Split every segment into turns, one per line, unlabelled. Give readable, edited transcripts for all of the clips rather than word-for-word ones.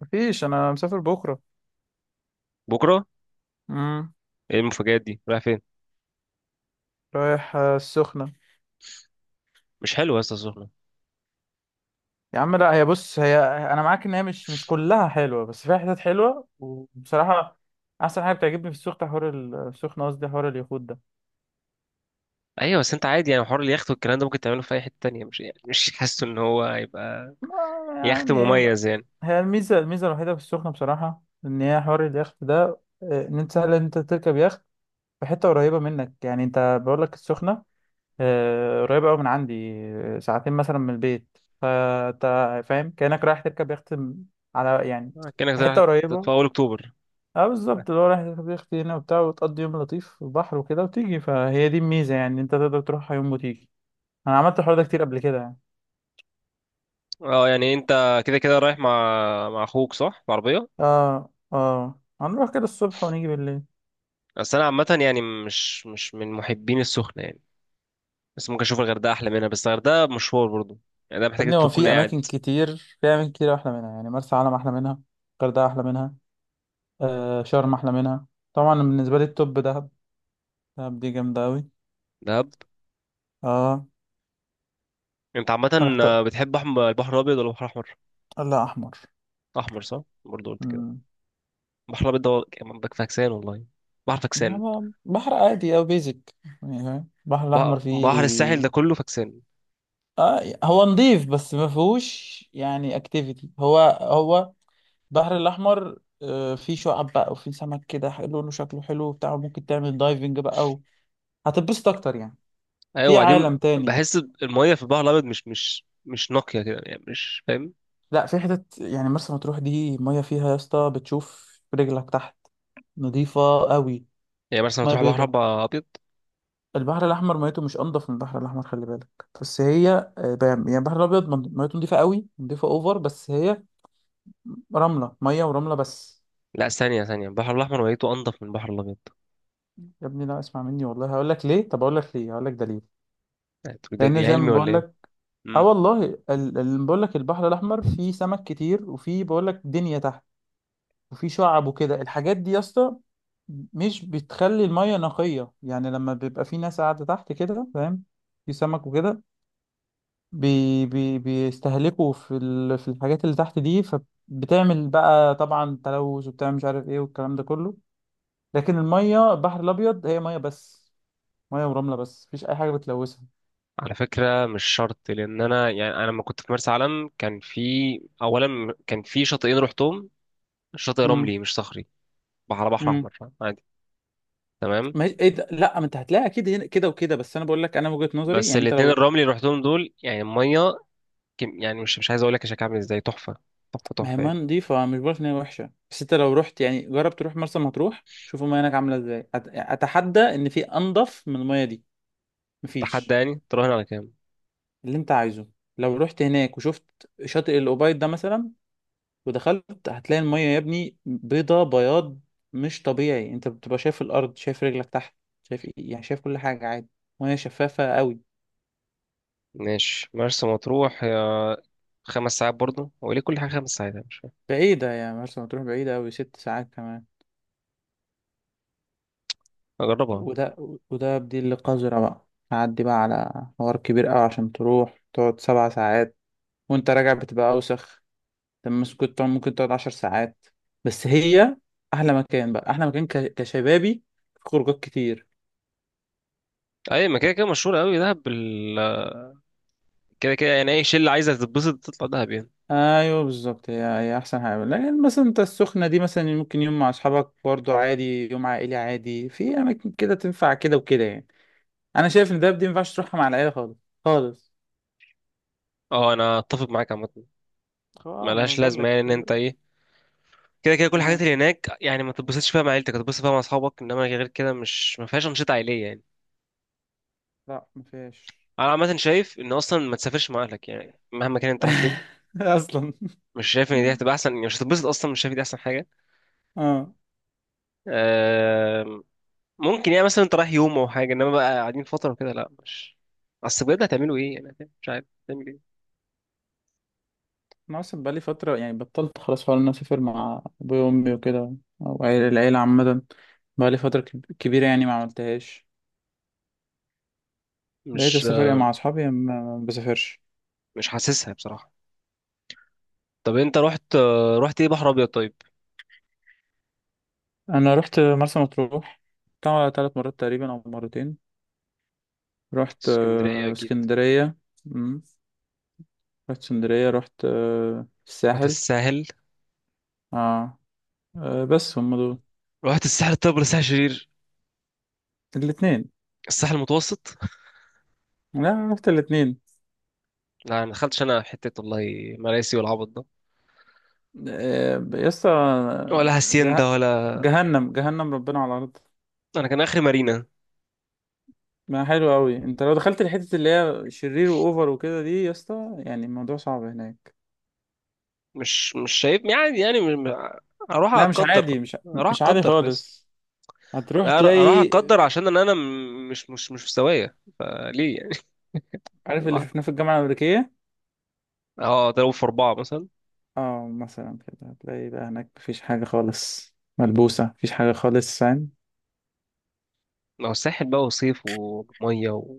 مفيش، انا مسافر بكره.
بكره.
امم
ايه المفاجآت دي رايح فين؟
رايح، السخنه.
مش حلو يا اسطى السخنه.
يا عم، لا، هي بص هي. انا معاك ان هي مش كلها حلوه، بس فيها حتت حلوه، وبصراحه احسن حاجه بتعجبني في السخنه حوار السخنه، قصدي حوار اليخوت ده.
ايوه بس انت عادي، يعني حوار اليخت والكلام ده ممكن تعمله في اي حته تانية، مش يعني مش حاسه ان
مش،
هو هيبقى
ما،
يخت
يعني
مميز يعني.
هي الميزه الوحيده في السخنه بصراحه، ان هي حوار اليخت ده. ان انت سهل ان انت تركب يخت في حته قريبه منك، يعني انت بقول لك السخنه. قريبة أوي من عندي، ساعتين مثلا من البيت، فأنت فاهم كأنك رايح تركب يخت على، يعني
آه، كانك
في حتة
رايح في
قريبة.
اول اكتوبر.
اه بالظبط، اللي هو رايح تركب يخت هنا وبتاع، وتقضي يوم لطيف في البحر وكده، وتيجي، فهي دي الميزة، يعني أنت تقدر تروحها يوم وتيجي. أنا عملت الحوار ده كتير قبل كده يعني.
اه، يعني انت كده كده رايح مع اخوك صح بعربيه.
اه، اه، هنروح كده الصبح ونيجي بالليل.
بس انا عامه يعني مش من محبين السخنه يعني. بس ممكن اشوف الغردقه احلى منها. بس الغردقه مشوار برضو، يعني ده
يا
محتاج
ابني،
انت
هو
تكون
في
قاعد.
أماكن كتير، أحلى منها، يعني مرسى علم أحلى منها. الغردقة أحلى منها. شرم أحلى منها. طبعا بالنسبة لي التوب دهب. دهب دي جامدة أوي.
دهب.
اه،
انت عامه
رحت.
بتحب البحر الابيض ولا البحر الاحمر؟
لا، احمر.
احمر، صح، برضو قلت كده.
امم
بحر الأبيض ده منطق فاكسان والله. بحر
يعني
فاكسان.
بحر عادي او بيزك، يعني فاهم البحر
بح-
الاحمر
بحر الساحل ده
فيه.
كله فاكسان.
آه، هو نظيف بس ما فيهوش يعني اكتيفيتي. هو البحر الاحمر، فيه شعاب بقى، وفيه سمك كده، لونه شكله حلو بتاع، ممكن تعمل دايفنج بقى، او هتتبسط اكتر يعني،
أيوة،
في
وبعدين.
عالم تاني.
بحس المية في البحر الأبيض مش نقية كده، يعني مش فاهم.
لا، في حتت يعني مرسى مطروح دي ميه فيها يا اسطى بتشوف رجلك تحت. نظيفة قوي،
يعني مثلا
ميه
تروح بحر
بيضة.
أبقى أبيض.
البحر الاحمر ميته مش انضف من البحر الاحمر، خلي بالك. بس هي يعني البحر الابيض ميته نضيفه قوي، نضيفه اوفر، بس هي رمله ميه ورمله بس.
لا، ثانية ثانية، البحر الأحمر ولايته أنضف من البحر الأبيض.
يا ابني، لا، اسمع مني والله، هقول لك ليه. طب اقول لك ليه، هقول لك دليل،
يعني أنتوا ده
لان
دي
زي ما
علمي ولا
بقول
إيه؟
لك. اه
مم.
والله، اللي بقول لك البحر الاحمر فيه سمك كتير، وفيه بقول لك دنيا تحت، وفيه شعب وكده، الحاجات دي يا اسطى مش بتخلي الميه نقيه، يعني لما بيبقى في ناس قاعده تحت كده فاهم، في سمك وكده، بي بي بيستهلكوا في الحاجات اللي تحت دي، فبتعمل بقى طبعا تلوث، وبتعمل مش عارف ايه، والكلام ده كله. لكن المية البحر الأبيض هي مية بس، مية ورملة بس، مفيش أي حاجة بتلوثها.
على فكرة، مش شرط. لأن أنا لما كنت في مرسى علم كان في، أولا كان في شاطئين رحتهم. شاطئ
امم
رملي مش صخري. بحر
امم
أحمر عادي. تمام.
ما هي... ايه ده؟ لا، ما انت هتلاقي اكيد هنا كده وكده، بس انا بقول لك انا وجهة نظري،
بس
يعني انت
الاتنين
لو
الرملي اللي رحتهم دول، يعني المية، كم يعني، مش عايز اقول لك الشكل عامل ازاي، تحفه. تحفه
ما هي
تحفه
ميه
يعني.
نضيفه، مش بقولك ان هي وحشه، بس انت لو رحت، يعني جرب تروح مرسى مطروح، شوف الميه هناك عامله ازاي. اتحدى ان في انضف من الميه دي،
تحدى،
مفيش.
يعني تراهن على كام؟
اللي انت عايزه، لو رحت هناك وشفت شاطئ الأوبايد ده مثلا ودخلت، هتلاقي المية يا ابني بيضة بياض مش طبيعي، انت بتبقى شايف الأرض، شايف رجلك تحت، شايف ايه، يعني شايف كل حاجة عادي، مية شفافة قوي.
ماشي، مرسى مطروح، يا 5 ساعات برضه. هو ليه كل حاجه 5 ساعات؟ أنا مش فاهم.
بعيدة يا مرسى مطروح، بعيدة قوي، 6 ساعات كمان.
اجربها.
وده وده بديل القذرة بقى، تعدي بقى على حوار كبير قوي عشان تروح تقعد 7 ساعات، وانت راجع بتبقى أوسخ. طب كنت طبعاً ممكن تقعد 10 ساعات. بس هي أحلى مكان بقى، أحلى مكان كشبابي، في خروجات كتير.
اي، ما كده كده مشهور قوي دهب. بال... كده كده يعني اي شله عايزه تتبسط تطلع دهب يعني.
أيوه بالظبط، هي أحسن حاجة. لكن مثلا أنت السخنة دي مثلا ممكن يوم مع أصحابك برضه عادي، يوم عائلي عادي، في أماكن كده تنفع كده وكده يعني. أنا شايف إن دهب دي مينفعش تروحها مع العيلة خالص، خالص.
اه، انا اتفق معاك عامه.
اه، ما
ملهاش
بقول
لازمه،
لك
يعني ان انت
كل.
ايه، كده كده كل الحاجات
اه،
اللي هناك يعني ما تتبسطش فيها مع عيلتك، هتتبسط فيها مع اصحابك، انما غير كده، مش ما فيهاش انشطه عائليه يعني.
لا، ما فيهاش.
انا عامه شايف ان اصلا ما تسافرش مع اهلك، يعني مهما كان انت رايح فين.
اصلا
مش شايف ان دي هتبقى احسن يعني. مش هتتبسط اصلا، مش شايف إن دي احسن حاجه.
اه،
آم، ممكن يعني مثلا انت رايح يوم او حاجه، انما بقى قاعدين فتره وكده، لا مش، اصل بجد هتعملوا ايه، انا فاهم، مش عارف هتعمل ايه.
انا اصلا بقالي فتره يعني بطلت خلاص فعلا إن انا اسافر مع ابويا وامي وكده، او العيله عامه، بقالي فتره كبيره يعني، ما عملتهاش، بقيت
مش
اسافر يا مع اصحابي يا ما بسافرش.
مش حاسسها بصراحه. طب، انت رحت. رحت ايه، بحر ابيض طيب؟
انا رحت مرسى مطروح، طبعا 3 مرات تقريبا او مرتين. رحت
اسكندريه، اكيد.
اسكندريه. مم. رحت اسكندريه، رحت
رحت
الساحل.
الساحل.
اه، بس هم دول.
رحت الساحل الطيب ولا الساحل الشرير؟
الاثنين،
الساحل المتوسط.
لا، رحت الاثنين.
لا، ما دخلتش انا حته والله، مراسي والعبط ده،
يسطا،
ولا هاسيندا
جه...
ولا.
جهنم، جهنم ربنا على الارض.
انا كان اخري مارينا.
ما حلو قوي، انت لو دخلت الحتة اللي هي شرير واوفر وكده دي يا اسطى، يعني الموضوع صعب هناك.
مش شايف يعني، اروح
لا، مش
اقدر.
عادي، مش
اروح
مش عادي
اقدر
خالص. هتروح
اروح
تلاقي،
اقدر عشان ان انا مش في سوايا فليه يعني.
عارف اللي
أروح-
شفناه في الجامعة الأمريكية،
اه، اضربه في اربعه مثلا.
اه، مثلا كده هتلاقي بقى هناك مفيش حاجة خالص ملبوسة، مفيش حاجة خالص فاهم.
ما هو الساحل بقى وصيف وميه. و...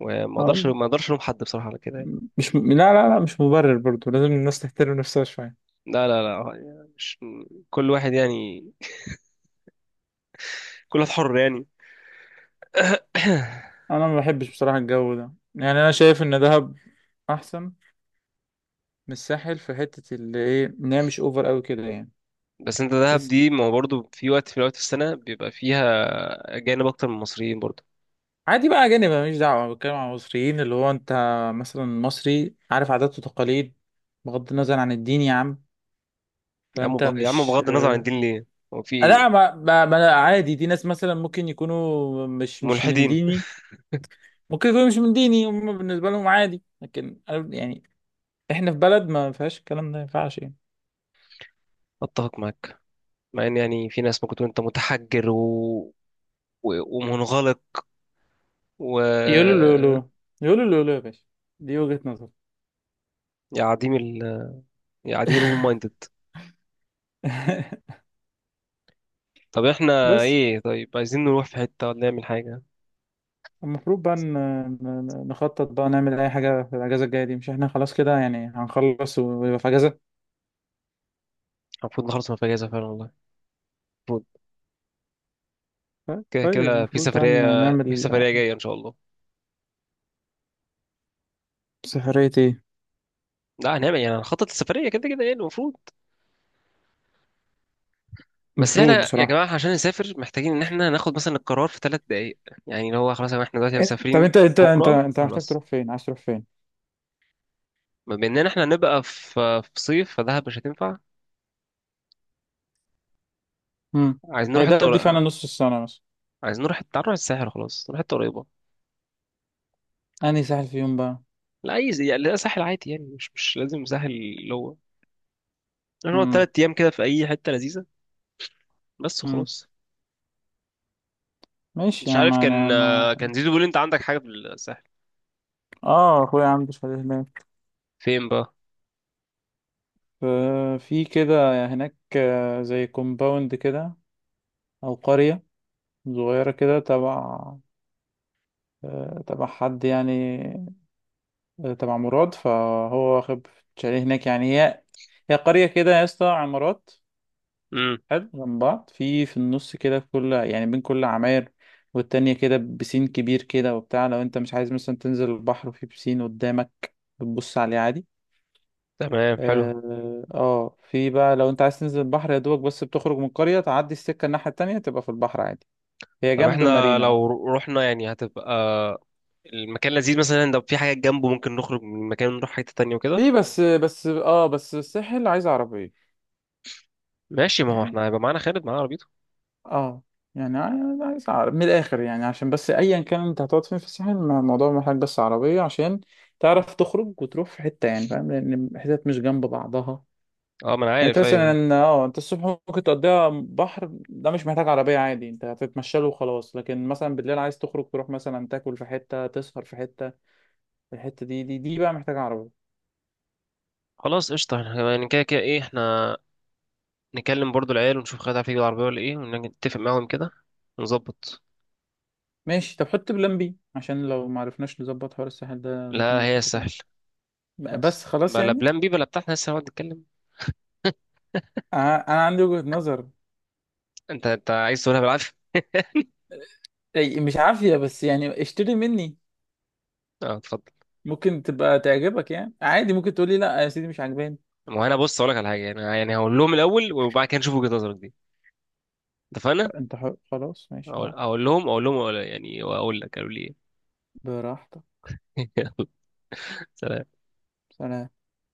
وما اقدرش
اه،
ما اقدرش الوم حد بصراحه على كده يعني.
مش لا، لا، لا، مش مبرر برضو، لازم الناس تحترم نفسها شوية.
لا لا لا، آه، يعني مش، كل واحد يعني، كل واحد حر يعني.
انا ما بحبش بصراحة الجو ده يعني، انا شايف ان دهب احسن من الساحل، في حتة اللي ايه ان هي مش اوفر قوي كده يعني.
بس انت دهب دي، ما هو برضه في وقت في السنه بيبقى فيها اجانب اكتر من المصريين برضه.
عادي بقى أجانب، أنا ماليش دعوة، أنا بتكلم عن المصريين، اللي هو أنت مثلا مصري، عارف عادات وتقاليد، بغض النظر عن الدين يا عم، فأنت
يا عم،
مش
بغض النظر عن الدين ليه؟ هو في
لا، ما أنا عادي، دي ناس مثلا ممكن يكونوا مش من
ملحدين؟
ديني، ممكن يكونوا مش من ديني، هم بالنسبة لهم عادي، لكن أنا يعني إحنا في بلد ما فيهاش الكلام ده، ما ينفعش يعني.
اتفق معاك. مع ان، يعني في ناس ممكن تكون انت متحجر ومنغلق و،
يقولوا لولو، يقولوا لولو يا باشا، دي وجهة نظر.
يا عديم ال يا عديم الأوبن مايندد. طب احنا
بس
ايه؟ طيب، عايزين نروح في حتة ولا نعمل حاجة؟
المفروض بقى نخطط بقى، نعمل أي حاجة في الأجازة الجاية دي، مش إحنا خلاص كده، يعني هنخلص ويبقى في أجازة.
المفروض نخلص من الأجازة فعلا والله. المفروض.
طيب،
كده
طيب،
كده في
المفروض بقى
سفرية.
نعمل
في سفرية جاية إن شاء الله.
سفرية إيه؟
لا، هنعمل يعني هنخطط السفرية كده كده، يعني المفروض. بس
المفروض
احنا يا
بصراحة.
جماعة، عشان نسافر محتاجين إن احنا ناخد مثلا القرار في 3 دقايق. يعني اللي هو خلاص، يا جماعة احنا دلوقتي
طب
مسافرين
أنت أنت أنت
بكرة
أنت محتاج
خلاص.
تروح فين، عايز تروح فين؟
بما إننا احنا نبقى في صيف فدهب مش هتنفع.
امم
عايزين نروح
هي
حتة
ده دي فعلا
قريبة.
نص السنة مثلا.
عايزين نروح تعال نروح الساحل، خلاص نروح حتة قريبة.
أنهي ساحل في يوم بقى؟
لا، يعني لا، ساحل عادي، يعني مش لازم ساحل اللي هو، نقعد
امم
3 ايام كده في اي حته لذيذه بس
امم
وخلاص.
ماشي،
مش
يا
عارف
ما
كان
أنا ما.
آه، كان زيزو بيقول لي انت عندك حاجه في الساحل.
آه، أخويا عنده شاليه هناك.
فين بقى؟
ف- في كده هناك، زي كومباوند كده، أو قرية صغيرة كده تبع، تبع حد يعني، تبع مراد، فهو واخد شاليه هناك. يعني هي قرية كده يا اسطى، عمارات
امم
حلو جنب بعض، في النص كده، في كل يعني بين كل عماير والتانية كده، بسين كبير كده وبتاع، لو انت مش عايز مثلا تنزل البحر، وفي بسين قدامك بتبص عليه عادي.
تمام، حلو.
اه، في بقى لو انت عايز تنزل البحر، يا دوبك بس بتخرج من القرية، تعدي السكة الناحية التانية تبقى في البحر عادي، هي
طب
جنب
احنا
مارينا.
لو رحنا، يعني هتبقى المكان لذيذ مثلا، لو في حاجه جنبه ممكن نخرج من المكان ونروح حته تانية وكده.
في، بس الساحل عايز عربية،
ماشي، ما هو
يعني
احنا هيبقى معانا خالد، معانا عربيته.
اه، يعني عايز عرب من الاخر يعني، عشان بس ايا كان انت هتقعد فين في الساحل، الموضوع محتاج بس عربيه عشان تعرف تخرج وتروح في حته، يعني فاهم، لان الحتت مش جنب بعضها.
اه، ما انا
يعني انت
عارف، ايوه.
مثلا انت الصبح ممكن تقضيها بحر، ده مش محتاج عربيه عادي، انت هتتمشى له وخلاص، لكن مثلا بالليل عايز تخرج تروح مثلا تاكل في حته، تسهر في حته، الحته دي بقى محتاجه عربيه.
خلاص قشطه، احنا يعني كده كده ايه، احنا نكلم برضو العيال ونشوف خالد عارف يجيب العربيه ولا ايه، ونتفق معاهم كده ونظبط.
ماشي، طب حط بلان بي عشان لو ما عرفناش نظبط حوار الساحل ده ممكن
لا
نروح
هي
حته تانيه
السهل خلاص.
بس خلاص
بلا
يعني.
بلان بي بلا بتاع، احنا لسه هنقعد نتكلم.
أنا عندي وجهه نظر،
انت عايز تقولها بالعافيه؟
أي مش عافية، بس يعني اشتري مني،
اه، اتفضل.
ممكن تبقى تعجبك يعني عادي، ممكن تقولي لا يا سيدي مش عاجباني.
ما هو انا بص اقول لك على حاجه، يعني انا يعني هقول لهم الاول وبعد كده نشوف وجهه نظرك دي. اتفقنا؟
انت حر، خلاص ماشي
اقول
براحتك،
اقول لهم اقول لهم أقول يعني، واقول لك قالوا لي ايه.
براحتك.
يلا، سلام.
سلام.